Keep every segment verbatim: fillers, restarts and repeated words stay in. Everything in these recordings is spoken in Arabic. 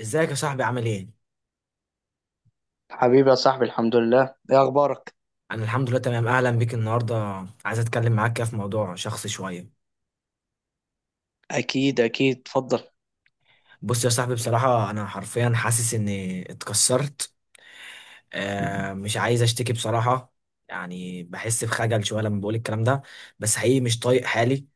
ازيك يا صاحبي؟ عامل ايه؟ حبيبي يا صاحبي، الحمد لله. ايه اخبارك؟ انا الحمد لله تمام، اهلا بيك النهارده. عايز اتكلم معاك كده في موضوع شخصي شويه. اكيد اكيد، اتفضل. بص يا صاحبي، بصراحه انا حرفيا حاسس اني اتكسرت. آه، مش عايز اشتكي بصراحه. يعني بحس بخجل شويه لما بقول الكلام ده، بس حقيقي مش طايق حالي.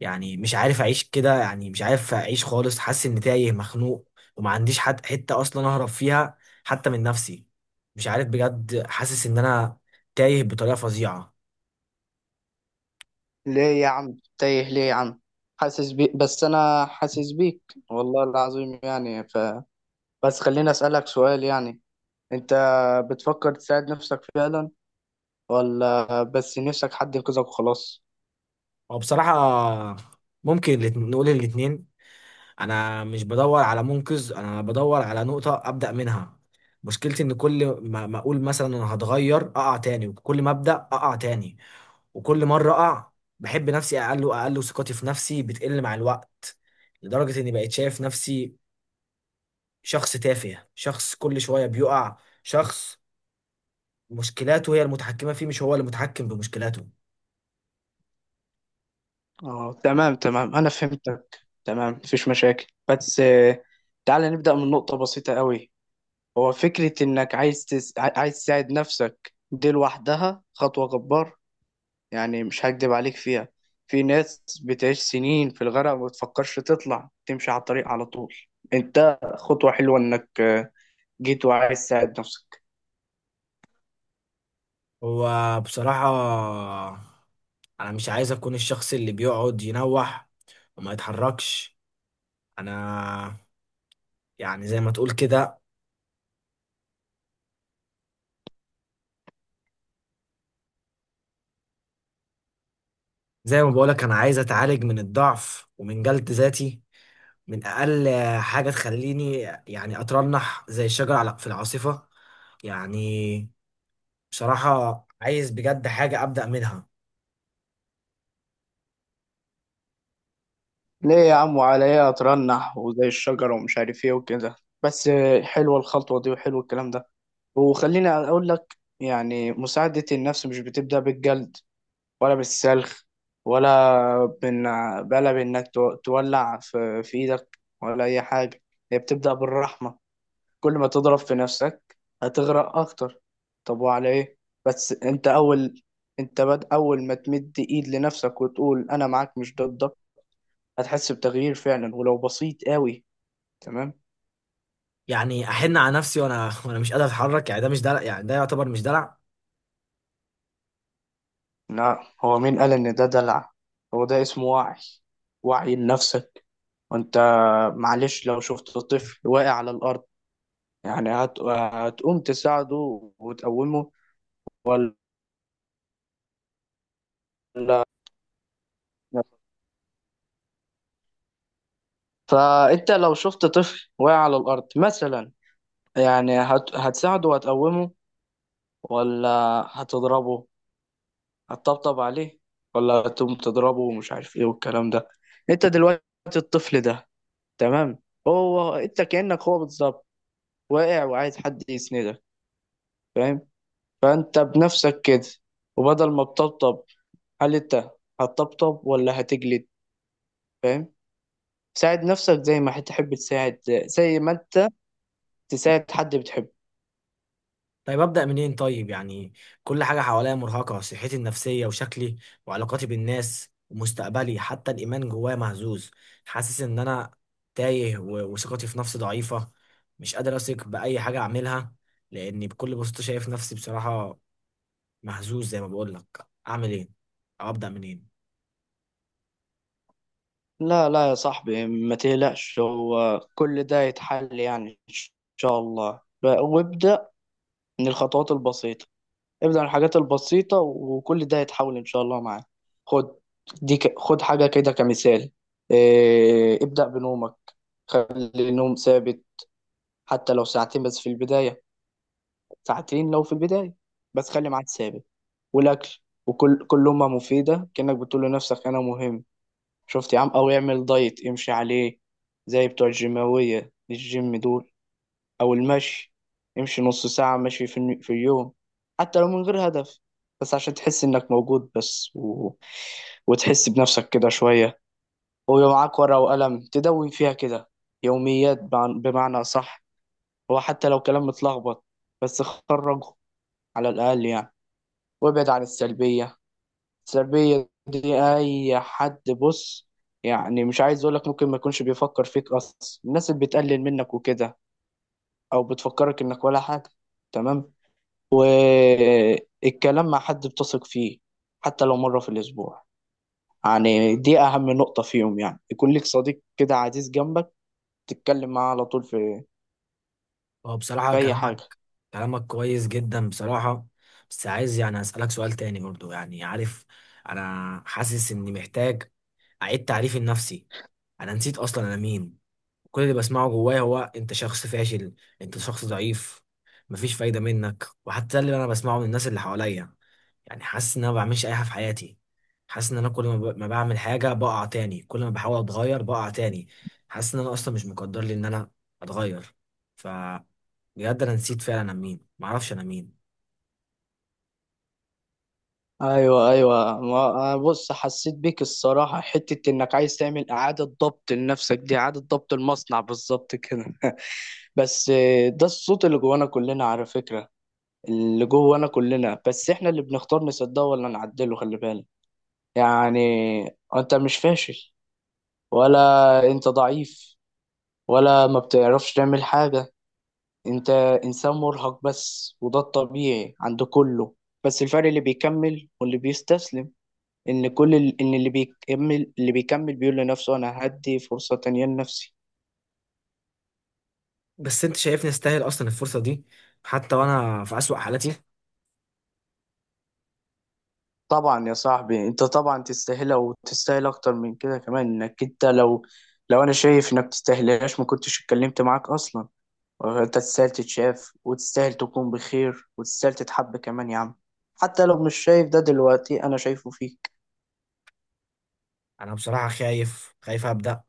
يعني مش عارف اعيش كده، يعني مش عارف اعيش خالص حاسس اني تايه مخنوق، وما عنديش حد حته اصلا اهرب فيها، حتى من نفسي. مش عارف بجد، حاسس ان انا تايه بطريقه فظيعه. ليه يا عم تايه؟ ليه يا عم؟ حاسس بيك، بس انا حاسس بيك والله العظيم. يعني ف بس خليني اسالك سؤال يعني. انت بتفكر تساعد نفسك فعلا، ولا بس نفسك حد ينقذك وخلاص؟ هو بصراحة ممكن الات- نقول الاتنين. أنا مش بدور على منقذ، أنا بدور على نقطة أبدأ منها. مشكلتي إن كل ما ما أقول مثلا أنا هتغير أقع تاني، وكل ما أبدأ أقع تاني. وكل مرة أقع، بحب نفسي أقل وأقل، وثقتي في نفسي بتقل مع الوقت، لدرجة إني بقيت شايف نفسي شخص تافه، شخص كل شوية بيقع، شخص مشكلاته هي المتحكمة فيه، مش هو اللي متحكم بمشكلاته. اه تمام تمام، انا فهمتك. تمام، مفيش مشاكل. بس آه، تعالى نبدا من نقطه بسيطه قوي. هو فكره انك عايز تس... عايز تساعد نفسك دي لوحدها خطوه جبارة. يعني مش هكدب عليك فيها. في ناس بتعيش سنين في الغرق وما بتفكرش تطلع تمشي على الطريق على طول. انت خطوة حلوة انك آه، جيت وعايز تساعد نفسك. هو بصراحة انا مش عايز اكون الشخص اللي بيقعد ينوح وما يتحركش. انا يعني زي ما تقول كده، زي ما بقولك انا عايز اتعالج من الضعف ومن جلد ذاتي، من اقل حاجة تخليني يعني اترنح زي الشجر على- في العاصفة. يعني بصراحة عايز بجد حاجة ابدأ منها. ليه يا عم؟ وعلى ايه اترنح وزي الشجرة ومش عارف ايه وكده؟ بس آه، حلوة الخطوة دي وحلو الكلام ده. وخليني اقول لك، يعني مساعدة النفس مش بتبدأ بالجلد، ولا بالسلخ، ولا بإن بلا بإنك تو- تولع في في إيدك ولا أي حاجة. هي بتبدأ بالرحمة. كل ما تضرب في نفسك هتغرق اكتر. طب وعلى ايه؟ بس انت اول انت بد اول ما تمد ايد لنفسك وتقول انا معاك مش ضدك، هتحس بتغيير فعلا ولو بسيط قوي. تمام؟ يعني احن على نفسي وانا وانا مش قادر اتحرك، يعني ده مش دلع؟ يعني ده يعتبر مش دلع؟ لا، هو مين قال ان ده دلع؟ هو ده اسمه وعي، وعي لنفسك. وانت معلش، لو شفت طفل واقع على الارض، يعني هت... هتقوم تساعده وتقومه ولا؟ فانت لو شفت طفل واقع على الارض مثلا، يعني هت... هتساعده وهتقومه ولا هتضربه؟ هتطبطب عليه، ولا هتقوم تضربه ومش عارف ايه والكلام ده؟ انت دلوقتي الطفل ده، تمام؟ هو انت كأنك هو بالظبط، واقع وعايز حد يسندك، فاهم؟ فانت بنفسك كده، وبدل ما تطبطب، هل انت هتطبطب ولا هتجلد؟ فاهم؟ ساعد نفسك زي ما هتحب تساعد، زي ما انت تساعد حد بتحبه. طيب أبدأ منين طيب؟ يعني كل حاجة حواليا مرهقة، صحتي النفسية وشكلي وعلاقاتي بالناس ومستقبلي، حتى الإيمان جوايا مهزوز. حاسس إن أنا تايه، و- وثقتي في نفسي ضعيفة، مش قادر أثق بأي حاجة أعملها، لأني بكل بساطة شايف نفسي بصراحة مهزوز. زي ما بقولك، أعمل إيه أو أبدأ منين؟ لا لا يا صاحبي، ما تقلقش، هو كل ده يتحل يعني إن شاء الله. ب- وابدأ من الخطوات البسيطة، ابدأ من الحاجات البسيطة، وكل ده يتحول إن شاء الله معاك. خد، دي ك... خد حاجة كده كمثال. إيه... ابدأ بنومك. خلي النوم ثابت، حتى لو ساعتين بس في البداية. ساعتين لو في البداية، بس خلي ميعاد ثابت. والأكل، وكل كل لقمة مفيدة كأنك بتقول لنفسك أنا مهم. شفت يا عم؟ او يعمل دايت يمشي عليه، زي بتوع الجيماوية، الجيم دول. او المشي، يمشي نص ساعة مشي في, الن- في اليوم، حتى لو من غير هدف، بس عشان تحس انك موجود بس، و... وتحس بنفسك كده شوية. ويبقى معاك ورقة وقلم تدون فيها كده يوميات، بع- بمعنى صح. هو حتى لو كلام متلخبط، بس خرجه، على الأقل يعني. وابعد عن السلبية. سلبية دي أي حد، بص، يعني مش عايز أقولك ممكن ما يكونش بيفكر فيك أصلا، الناس اللي بتقلل منك وكده، أو بتفكرك إنك ولا حاجة. تمام؟ آه، الكلام مع حد بتثق فيه، حتى لو مرة في الأسبوع. يعني دي أهم نقطة فيهم، يعني يكون لك صديق كده عزيز جنبك، تتكلم معاه على طول في هو بصراحة في أي كلامك، حاجة. كلامك كويس جدا بصراحة. بس عايز يعني أسألك سؤال تاني برضو، يعني عارف، أنا حاسس إني محتاج أعيد تعريفي لنفسي. أنا نسيت أصلا أنا مين. كل اللي بسمعه جوايا هو: أنت شخص فاشل، أنت شخص ضعيف، مفيش فايدة منك. وحتى اللي أنا بسمعه من الناس اللي حواليا، يعني حاسس إن أنا ما بعملش أي حاجة في حياتي. حاسس إن أنا كل ما ب- ما بعمل حاجة بقع تاني، كل ما بحاول أتغير بقع تاني. حاسس إن أنا أصلا مش مقدر لي إن أنا أتغير. بجد انا نسيت فعلا انا مين، معرفش انا مين. ايوه ايوه، ما- بص، حسيت بيك الصراحه، حته انك عايز تعمل اعاده ضبط لنفسك، دي اعاده ضبط المصنع بالظبط كده. بس آه، ده الصوت اللي جوانا كلنا على فكره، اللي جوانا كلنا، بس احنا اللي بنختار نصدقه ولا نعدله. خلي بالك يعني، انت مش فاشل، ولا انت ضعيف، ولا ما بتعرفش تعمل حاجه. انت انسان مرهق بس، وده الطبيعي عند كله. بس الفرق اللي بيكمل واللي بيستسلم، ان كل ال- ان اللي بيكمل اللي بيكمل بيقول لنفسه انا هدي فرصة تانية لنفسي. بس انت شايفني استاهل اصلا الفرصه دي، حتى وانا في اسوأ حالاتي؟ طبعا يا صاحبي انت طبعا تستاهلها، وتستاهل اكتر من كده كمان. انك انت لو لو انا شايف انك تستاهلهاش ما كنتش اتكلمت معاك اصلا. انت تستاهل تتشاف، وتستاهل تكون بخير، وتستاهل تتحب كمان يا عم. حتى لو مش شايف ده دلوقتي، انا شايفه فيك. انا بصراحه خايف، خايف ابدا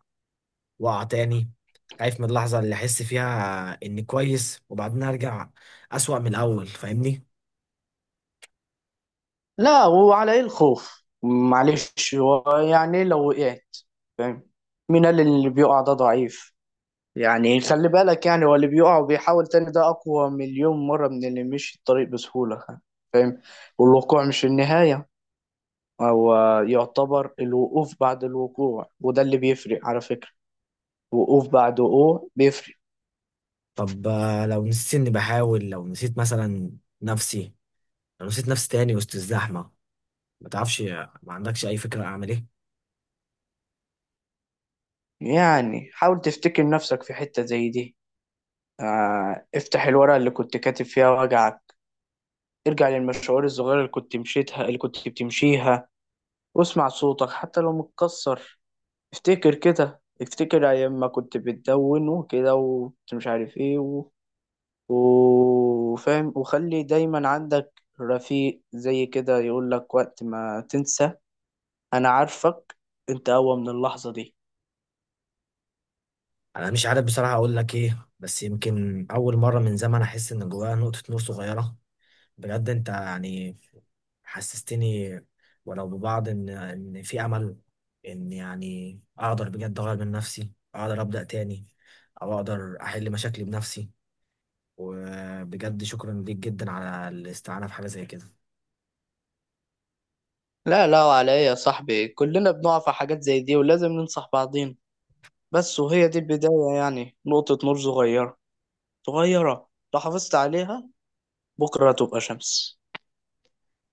واقع تاني. خايف من اللحظه اللي احس فيها اني كويس وبعدين ارجع اسوأ من الاول، فاهمني؟ لا، وعلى ايه الخوف؟ معلش، هو يعني لو وقعت، فاهم، مين قال إن اللي بيقع ده ضعيف؟ يعني خلي بالك، يعني هو اللي بيقع وبيحاول تاني ده أقوى مليون مرة من اللي مشي الطريق بسهولة، فاهم؟ والوقوع مش النهاية، هو يعتبر الوقوف بعد الوقوع، وده اللي بيفرق على فكرة. وقوف بعد وقوع بيفرق. طب آه، لو نسيت اني بحاول، لو نسيت مثلا نفسي، لو نسيت نفسي تاني وسط الزحمه، ما تعرفش ما عندكش اي فكره اعمل ايه؟ يعني حاول تفتكر نفسك في حتة زي دي. آه، افتح الورقة اللي كنت كاتب فيها وجعك. ارجع للمشوار الصغيرة اللي كنت مشيتها اللي كنت بتمشيها، واسمع صوتك حتى لو متكسر. افتكر كده، افتكر ايام ما كنت بتدون وكده، وكنت مش عارف ايه و... وفاهم. وخلي دايما عندك رفيق زي كده يقول لك وقت ما تنسى: انا عارفك، انت اقوى من اللحظة دي. انا مش عارف بصراحه اقول لك ايه، بس يمكن اول مره من زمان احس ان جوايا نقطه نور صغيره. بجد انت يعني حسستني ولو ببعض ان ان في امل، ان يعني اقدر بجد اغير من نفسي، اقدر ابدا تاني، او اقدر احل مشاكلي بنفسي. وبجد شكرا ليك جدا على الاستعانه في حاجه زي كده. لا لا، وعلى ايه يا صاحبي؟ كلنا بنقع في حاجات زي دي، ولازم ننصح بعضين. بس وهي دي البداية، يعني نقطة نور صغيرة، صغيرة لو حافظت عليها بكرة تبقى شمس.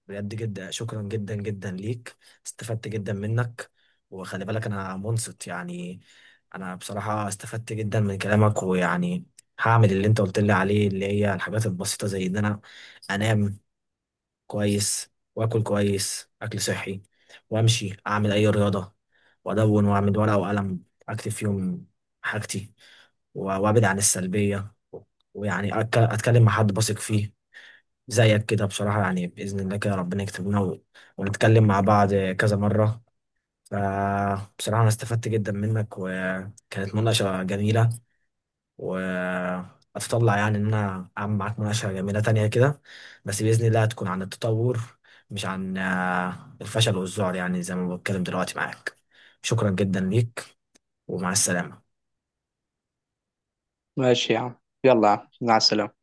بجد جدا، شكرا جدا جدا ليك، استفدت جدا منك. وخلي بالك انا منصت يعني، انا بصراحه استفدت جدا من كلامك. ويعني هعمل اللي انت قلت لي عليه، اللي هي الحاجات البسيطه، زي ان انا انام كويس واكل كويس اكل صحي، وامشي اعمل اي رياضه، وادون واعمل ورقه وقلم اكتب فيهم حاجتي، و- وابعد عن السلبيه، ويعني أتك- اتكلم مع حد بثق فيه زيك كده بصراحه. يعني باذن الله كده ربنا يكتب لنا و- ونتكلم مع بعض كذا مره. فبصراحه انا استفدت جدا منك، وكانت مناقشه جميله. واتطلع يعني ان انا اعمل معاك مناقشه جميله تانية كده، بس باذن الله هتكون عن التطور، مش عن آه، الفشل والذعر، يعني زي ما بتكلم دلوقتي معاك. شكرا جدا ليك، ومع السلامه. ماشي يا عم، يلا يا عم، مع السلامة.